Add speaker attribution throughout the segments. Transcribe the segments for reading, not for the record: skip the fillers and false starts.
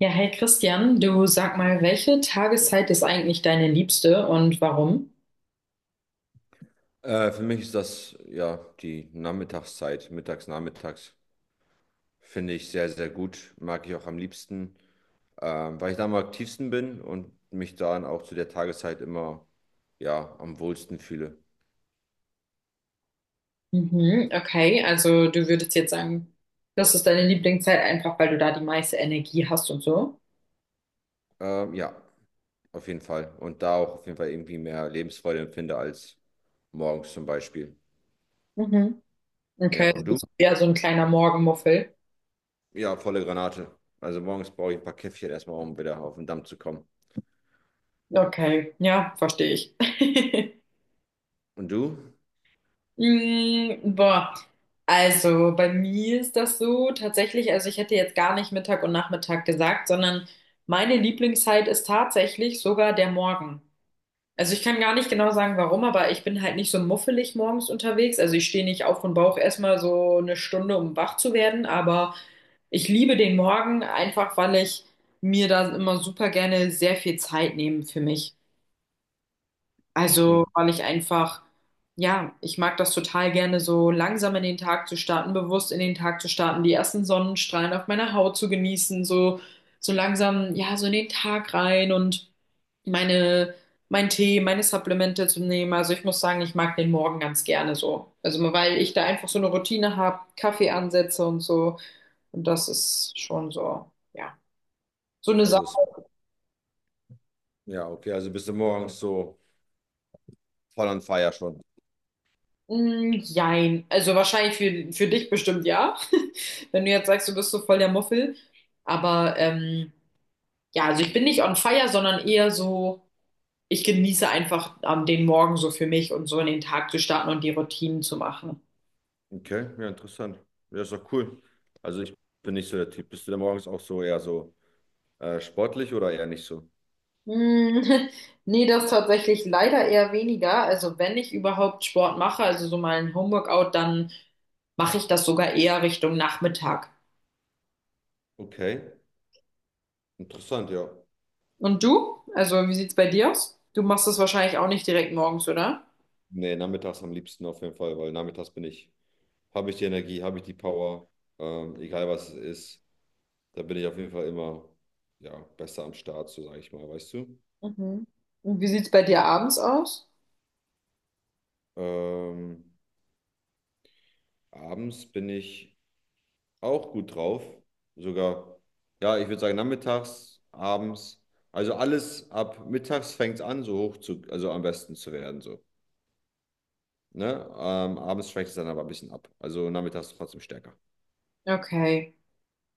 Speaker 1: Ja, hey Christian, du sag mal, welche Tageszeit ist eigentlich deine liebste und warum?
Speaker 2: Für mich ist das ja die Nachmittagszeit, mittags, nachmittags. Finde ich sehr, sehr gut. Mag ich auch am liebsten, weil ich da am aktivsten bin und mich dann auch zu der Tageszeit immer ja, am wohlsten fühle.
Speaker 1: Mhm, okay, also du würdest jetzt sagen, das ist deine Lieblingszeit einfach, weil du da die meiste Energie hast und so.
Speaker 2: Ja, auf jeden Fall. Und da auch auf jeden Fall irgendwie mehr Lebensfreude empfinde als morgens zum Beispiel.
Speaker 1: Mhm.
Speaker 2: Ja,
Speaker 1: Okay, du
Speaker 2: und du?
Speaker 1: bist eher so ein kleiner Morgenmuffel.
Speaker 2: Ja, volle Granate. Also morgens brauche ich ein paar Käffchen erstmal, um wieder auf den Damm zu kommen.
Speaker 1: Okay, ja, verstehe ich.
Speaker 2: Und du?
Speaker 1: Boah, also bei mir ist das so tatsächlich, also ich hätte jetzt gar nicht Mittag und Nachmittag gesagt, sondern meine Lieblingszeit ist tatsächlich sogar der Morgen. Also ich kann gar nicht genau sagen, warum, aber ich bin halt nicht so muffelig morgens unterwegs. Also ich stehe nicht auf und brauche erstmal so eine Stunde, um wach zu werden, aber ich liebe den Morgen einfach, weil ich mir da immer super gerne sehr viel Zeit nehme für mich.
Speaker 2: Hm.
Speaker 1: Also weil ich einfach, ja, ich mag das total gerne, so langsam in den Tag zu starten, bewusst in den Tag zu starten, die ersten Sonnenstrahlen auf meiner Haut zu genießen, so, so langsam, ja, so in den Tag rein und meine, mein Tee, meine Supplemente zu nehmen. Also ich muss sagen, ich mag den Morgen ganz gerne so. Also weil ich da einfach so eine Routine habe, Kaffee ansetze und so. Und das ist schon so, ja. So eine Sache.
Speaker 2: Also, es- ja, okay, also bist du morgens so voll on fire schon.
Speaker 1: Mm, jein. Also wahrscheinlich für dich bestimmt ja. Wenn du jetzt sagst, du bist so voll der Muffel. Aber ja, also ich bin nicht on fire, sondern eher so, ich genieße einfach den Morgen so für mich und so in den Tag zu starten und die Routinen zu machen.
Speaker 2: Okay, ja, interessant. Ja, ist doch cool. Also ich bin nicht so der Typ. Bist du denn morgens auch so eher so sportlich oder eher nicht so?
Speaker 1: Hm, nee, das tatsächlich leider eher weniger. Also wenn ich überhaupt Sport mache, also so mal ein Homeworkout, dann mache ich das sogar eher Richtung Nachmittag.
Speaker 2: Okay, interessant, ja.
Speaker 1: Und du? Also wie sieht's bei dir aus? Du machst das wahrscheinlich auch nicht direkt morgens, oder?
Speaker 2: Nee, nachmittags am liebsten auf jeden Fall, weil nachmittags habe ich die Energie, habe ich die Power, egal was es ist, da bin ich auf jeden Fall immer, ja, besser am Start, so sage ich mal, weißt du?
Speaker 1: Mhm. Und wie sieht's bei dir abends aus?
Speaker 2: Ähm, abends bin ich auch gut drauf. Sogar, ja, ich würde sagen, nachmittags, abends. Also alles ab mittags fängt es an, so hoch zu, also am besten zu werden, so. Ne? Abends schwächt es dann aber ein bisschen ab. Also nachmittags trotzdem stärker.
Speaker 1: Okay.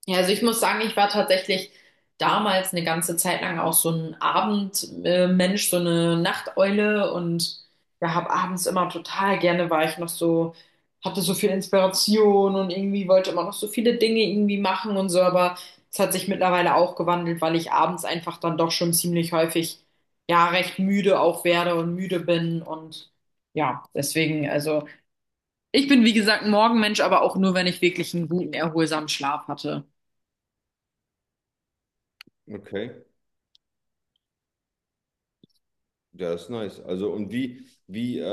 Speaker 1: Ja, also ich muss sagen, ich war tatsächlich damals eine ganze Zeit lang auch so ein Abendmensch, so eine Nachteule und ja, habe abends immer total gerne war ich noch so, hatte so viel Inspiration und irgendwie wollte immer noch so viele Dinge irgendwie machen und so, aber es hat sich mittlerweile auch gewandelt, weil ich abends einfach dann doch schon ziemlich häufig ja recht müde auch werde und müde bin und ja, deswegen, also ich bin wie gesagt ein Morgenmensch, aber auch nur, wenn ich wirklich einen guten, erholsamen Schlaf hatte.
Speaker 2: Okay. Ja, das ist nice. Also,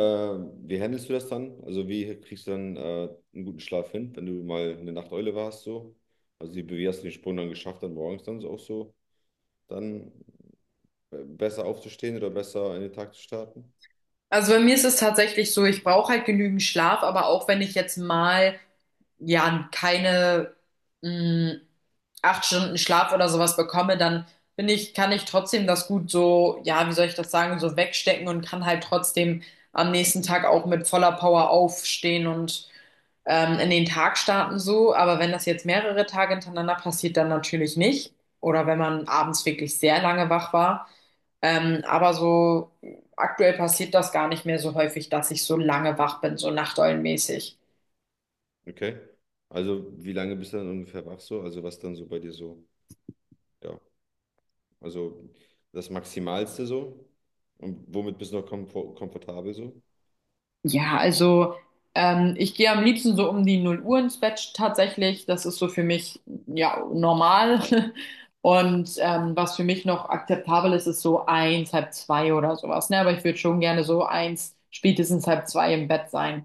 Speaker 2: wie handelst du das dann? Also, wie kriegst du dann einen guten Schlaf hin, wenn du mal eine Nachteule warst, so? Also, wie hast du den Sprung dann geschafft, dann morgens dann so auch so, dann besser aufzustehen oder besser in den Tag zu starten?
Speaker 1: Also bei mir ist es tatsächlich so, ich brauche halt genügend Schlaf, aber auch wenn ich jetzt mal ja keine mh, acht Stunden Schlaf oder sowas bekomme, dann bin ich, kann ich trotzdem das gut so, ja, wie soll ich das sagen, so wegstecken und kann halt trotzdem am nächsten Tag auch mit voller Power aufstehen und in den Tag starten so. Aber wenn das jetzt mehrere Tage hintereinander passiert, dann natürlich nicht. Oder wenn man abends wirklich sehr lange wach war. Aber so aktuell passiert das gar nicht mehr so häufig, dass ich so lange wach bin, so nachteulenmäßig.
Speaker 2: Okay. Also, wie lange bist du dann ungefähr wach so? Also, was dann so bei dir so? Ja, also das Maximalste so? Und womit bist du noch komfortabel so?
Speaker 1: Ja, also ich gehe am liebsten so um die 0 Uhr ins Bett tatsächlich. Das ist so für mich ja normal. Und was für mich noch akzeptabel ist, ist so eins, halb zwei oder sowas. Ne? Aber ich würde schon gerne so eins, spätestens halb zwei im Bett sein.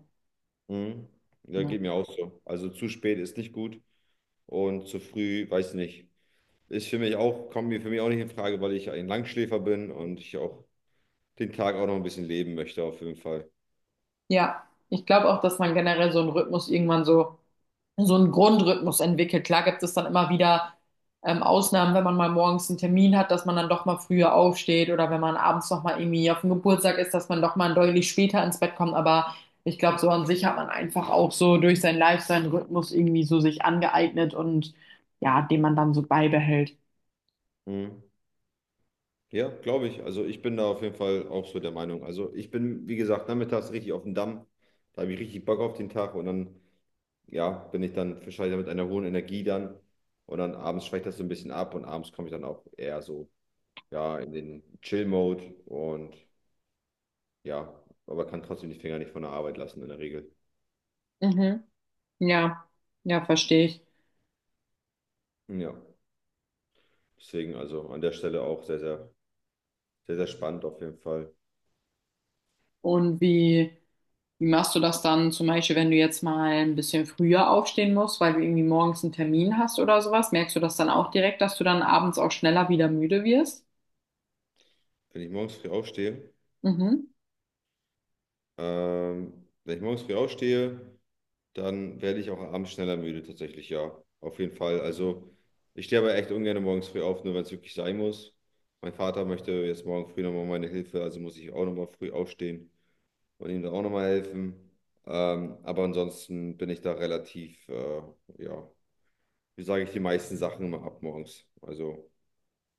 Speaker 2: Mhm. Ja,
Speaker 1: Ja.
Speaker 2: geht mir auch so. Also, zu spät ist nicht gut und zu früh, weiß nicht. Ist für mich auch, kommt mir für mich auch nicht in Frage, weil ich ein Langschläfer bin und ich auch den Tag auch noch ein bisschen leben möchte, auf jeden Fall.
Speaker 1: Ja, ich glaube auch, dass man generell so einen Rhythmus irgendwann so, so einen Grundrhythmus entwickelt. Klar gibt es dann immer wieder Ausnahmen, wenn man mal morgens einen Termin hat, dass man dann doch mal früher aufsteht oder wenn man abends noch mal irgendwie auf dem Geburtstag ist, dass man doch mal deutlich später ins Bett kommt. Aber ich glaube, so an sich hat man einfach auch so durch seinen Lifestyle einen Rhythmus irgendwie so sich angeeignet und ja, den man dann so beibehält.
Speaker 2: Mhm. Ja, glaube ich. Also ich bin da auf jeden Fall auch so der Meinung. Also ich bin, wie gesagt, nachmittags richtig auf dem Damm. Da habe ich richtig Bock auf den Tag und dann, ja, bin ich dann wahrscheinlich mit einer hohen Energie dann. Und dann abends schwächt das so ein bisschen ab und abends komme ich dann auch eher so, ja, in den Chill-Mode und ja, aber kann trotzdem die Finger nicht von der Arbeit lassen in der Regel.
Speaker 1: Mhm. Ja, ja, verstehe ich.
Speaker 2: Ja, deswegen also an der Stelle auch sehr, sehr, sehr, sehr spannend auf jeden Fall.
Speaker 1: Und wie. Wie machst du das dann zum Beispiel, wenn du jetzt mal ein bisschen früher aufstehen musst, weil du irgendwie morgens einen Termin hast oder sowas? Merkst du das dann auch direkt, dass du dann abends auch schneller wieder müde wirst?
Speaker 2: Wenn ich morgens früh aufstehe,
Speaker 1: Mhm.
Speaker 2: Wenn ich morgens früh aufstehe, dann werde ich auch abends schneller müde, tatsächlich, ja. Auf jeden Fall. Also, ich stehe aber echt ungern morgens früh auf, nur wenn es wirklich sein muss. Mein Vater möchte jetzt morgen früh nochmal meine Hilfe, also muss ich auch nochmal früh aufstehen und ihm da auch nochmal helfen. Aber ansonsten bin ich da relativ, ja, wie sage ich, die meisten Sachen immer ab morgens. Also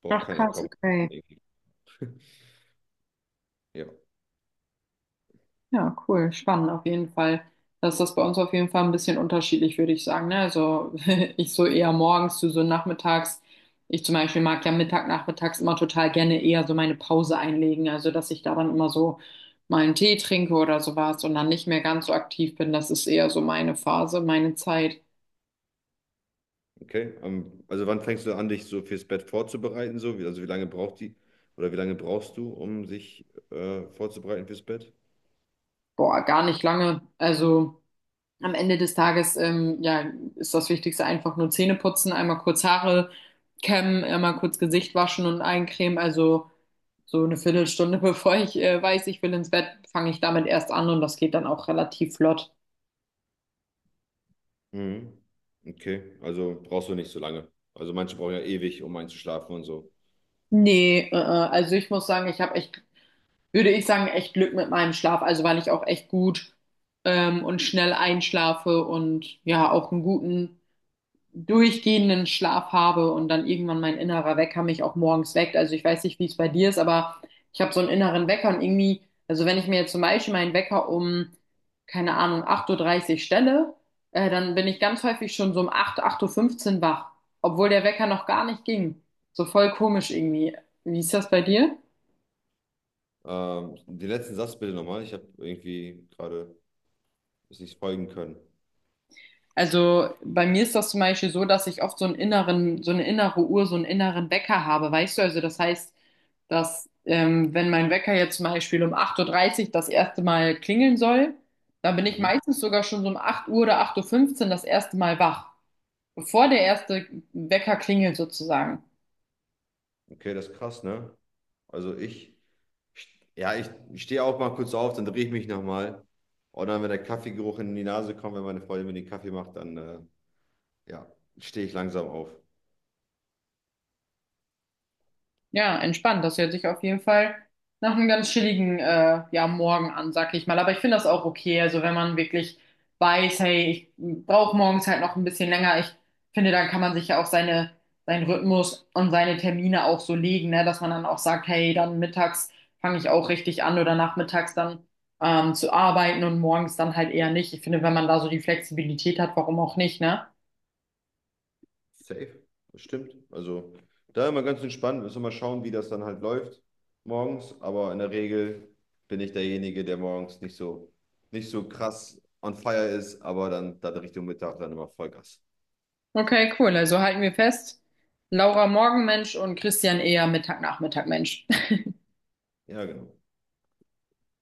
Speaker 2: braucht
Speaker 1: Ach
Speaker 2: keiner
Speaker 1: krass,
Speaker 2: kommen.
Speaker 1: okay.
Speaker 2: Ja.
Speaker 1: Ja, cool, spannend auf jeden Fall. Das ist das bei uns auf jeden Fall ein bisschen unterschiedlich, würde ich sagen. Ne? Also ich so eher morgens, du so nachmittags. Ich zum Beispiel mag ja Mittag, nachmittags immer total gerne eher so meine Pause einlegen. Also dass ich da dann immer so mal einen Tee trinke oder sowas und dann nicht mehr ganz so aktiv bin. Das ist eher so meine Phase, meine Zeit.
Speaker 2: Okay, also wann fängst du an, dich so fürs Bett vorzubereiten? So? Wie, also wie lange braucht die oder wie lange brauchst du, um sich vorzubereiten fürs Bett?
Speaker 1: Boah, gar nicht lange. Also am Ende des Tages, ja, ist das Wichtigste einfach nur Zähne putzen, einmal kurz Haare kämmen, einmal kurz Gesicht waschen und eincremen. Also so eine Viertelstunde, bevor ich weiß, ich will ins Bett, fange ich damit erst an und das geht dann auch relativ flott.
Speaker 2: Mhm. Okay, also brauchst du nicht so lange. Also manche brauchen ja ewig, um einzuschlafen und so.
Speaker 1: Nee, also ich muss sagen, ich habe echt, würde ich sagen, echt Glück mit meinem Schlaf, also weil ich auch echt gut und schnell einschlafe und ja, auch einen guten durchgehenden Schlaf habe und dann irgendwann mein innerer Wecker mich auch morgens weckt. Also ich weiß nicht, wie es bei dir ist, aber ich habe so einen inneren Wecker und irgendwie, also wenn ich mir jetzt zum Beispiel meinen Wecker um, keine Ahnung, 8.30 Uhr dreißig stelle, dann bin ich ganz häufig schon so um 8, 8.15 Uhr fünfzehn wach, obwohl der Wecker noch gar nicht ging. So voll komisch irgendwie. Wie ist das bei dir?
Speaker 2: Den letzten Satz bitte nochmal. Ich habe irgendwie gerade es nicht folgen können.
Speaker 1: Also bei mir ist das zum Beispiel so, dass ich oft so einen inneren, so eine innere Uhr, so einen inneren Wecker habe, weißt du? Also das heißt, dass wenn mein Wecker jetzt zum Beispiel um 8:30 Uhr das erste Mal klingeln soll, dann bin ich
Speaker 2: Mhm.
Speaker 1: meistens sogar schon so um 8 Uhr oder 8:15 Uhr das erste Mal wach, bevor der erste Wecker klingelt sozusagen.
Speaker 2: Okay, das ist krass, ne? Also ich, ja, ich stehe auch mal kurz auf, dann drehe ich mich nochmal. Und dann, wenn der Kaffeegeruch in die Nase kommt, wenn meine Freundin mir den Kaffee macht, dann ja, stehe ich langsam auf.
Speaker 1: Ja, entspannt. Das hört sich auf jeden Fall nach einem ganz chilligen ja, Morgen an, sag ich mal. Aber ich finde das auch okay. Also wenn man wirklich weiß, hey, ich brauche morgens halt noch ein bisschen länger. Ich finde, dann kann man sich ja auch seine, seinen Rhythmus und seine Termine auch so legen, ne? Dass man dann auch sagt, hey, dann mittags fange ich auch richtig an oder nachmittags dann zu arbeiten und morgens dann halt eher nicht. Ich finde, wenn man da so die Flexibilität hat, warum auch nicht, ne?
Speaker 2: Safe. Das stimmt. Also da immer ganz entspannt. Müssen wir mal schauen, wie das dann halt läuft morgens. Aber in der Regel bin ich derjenige, der morgens nicht so, nicht so krass on fire ist, aber dann, dann Richtung Mittag dann immer Vollgas.
Speaker 1: Okay, cool. Also halten wir fest, Laura Morgenmensch und Christian eher Mittag-Nachmittag-Mensch.
Speaker 2: Ja, genau.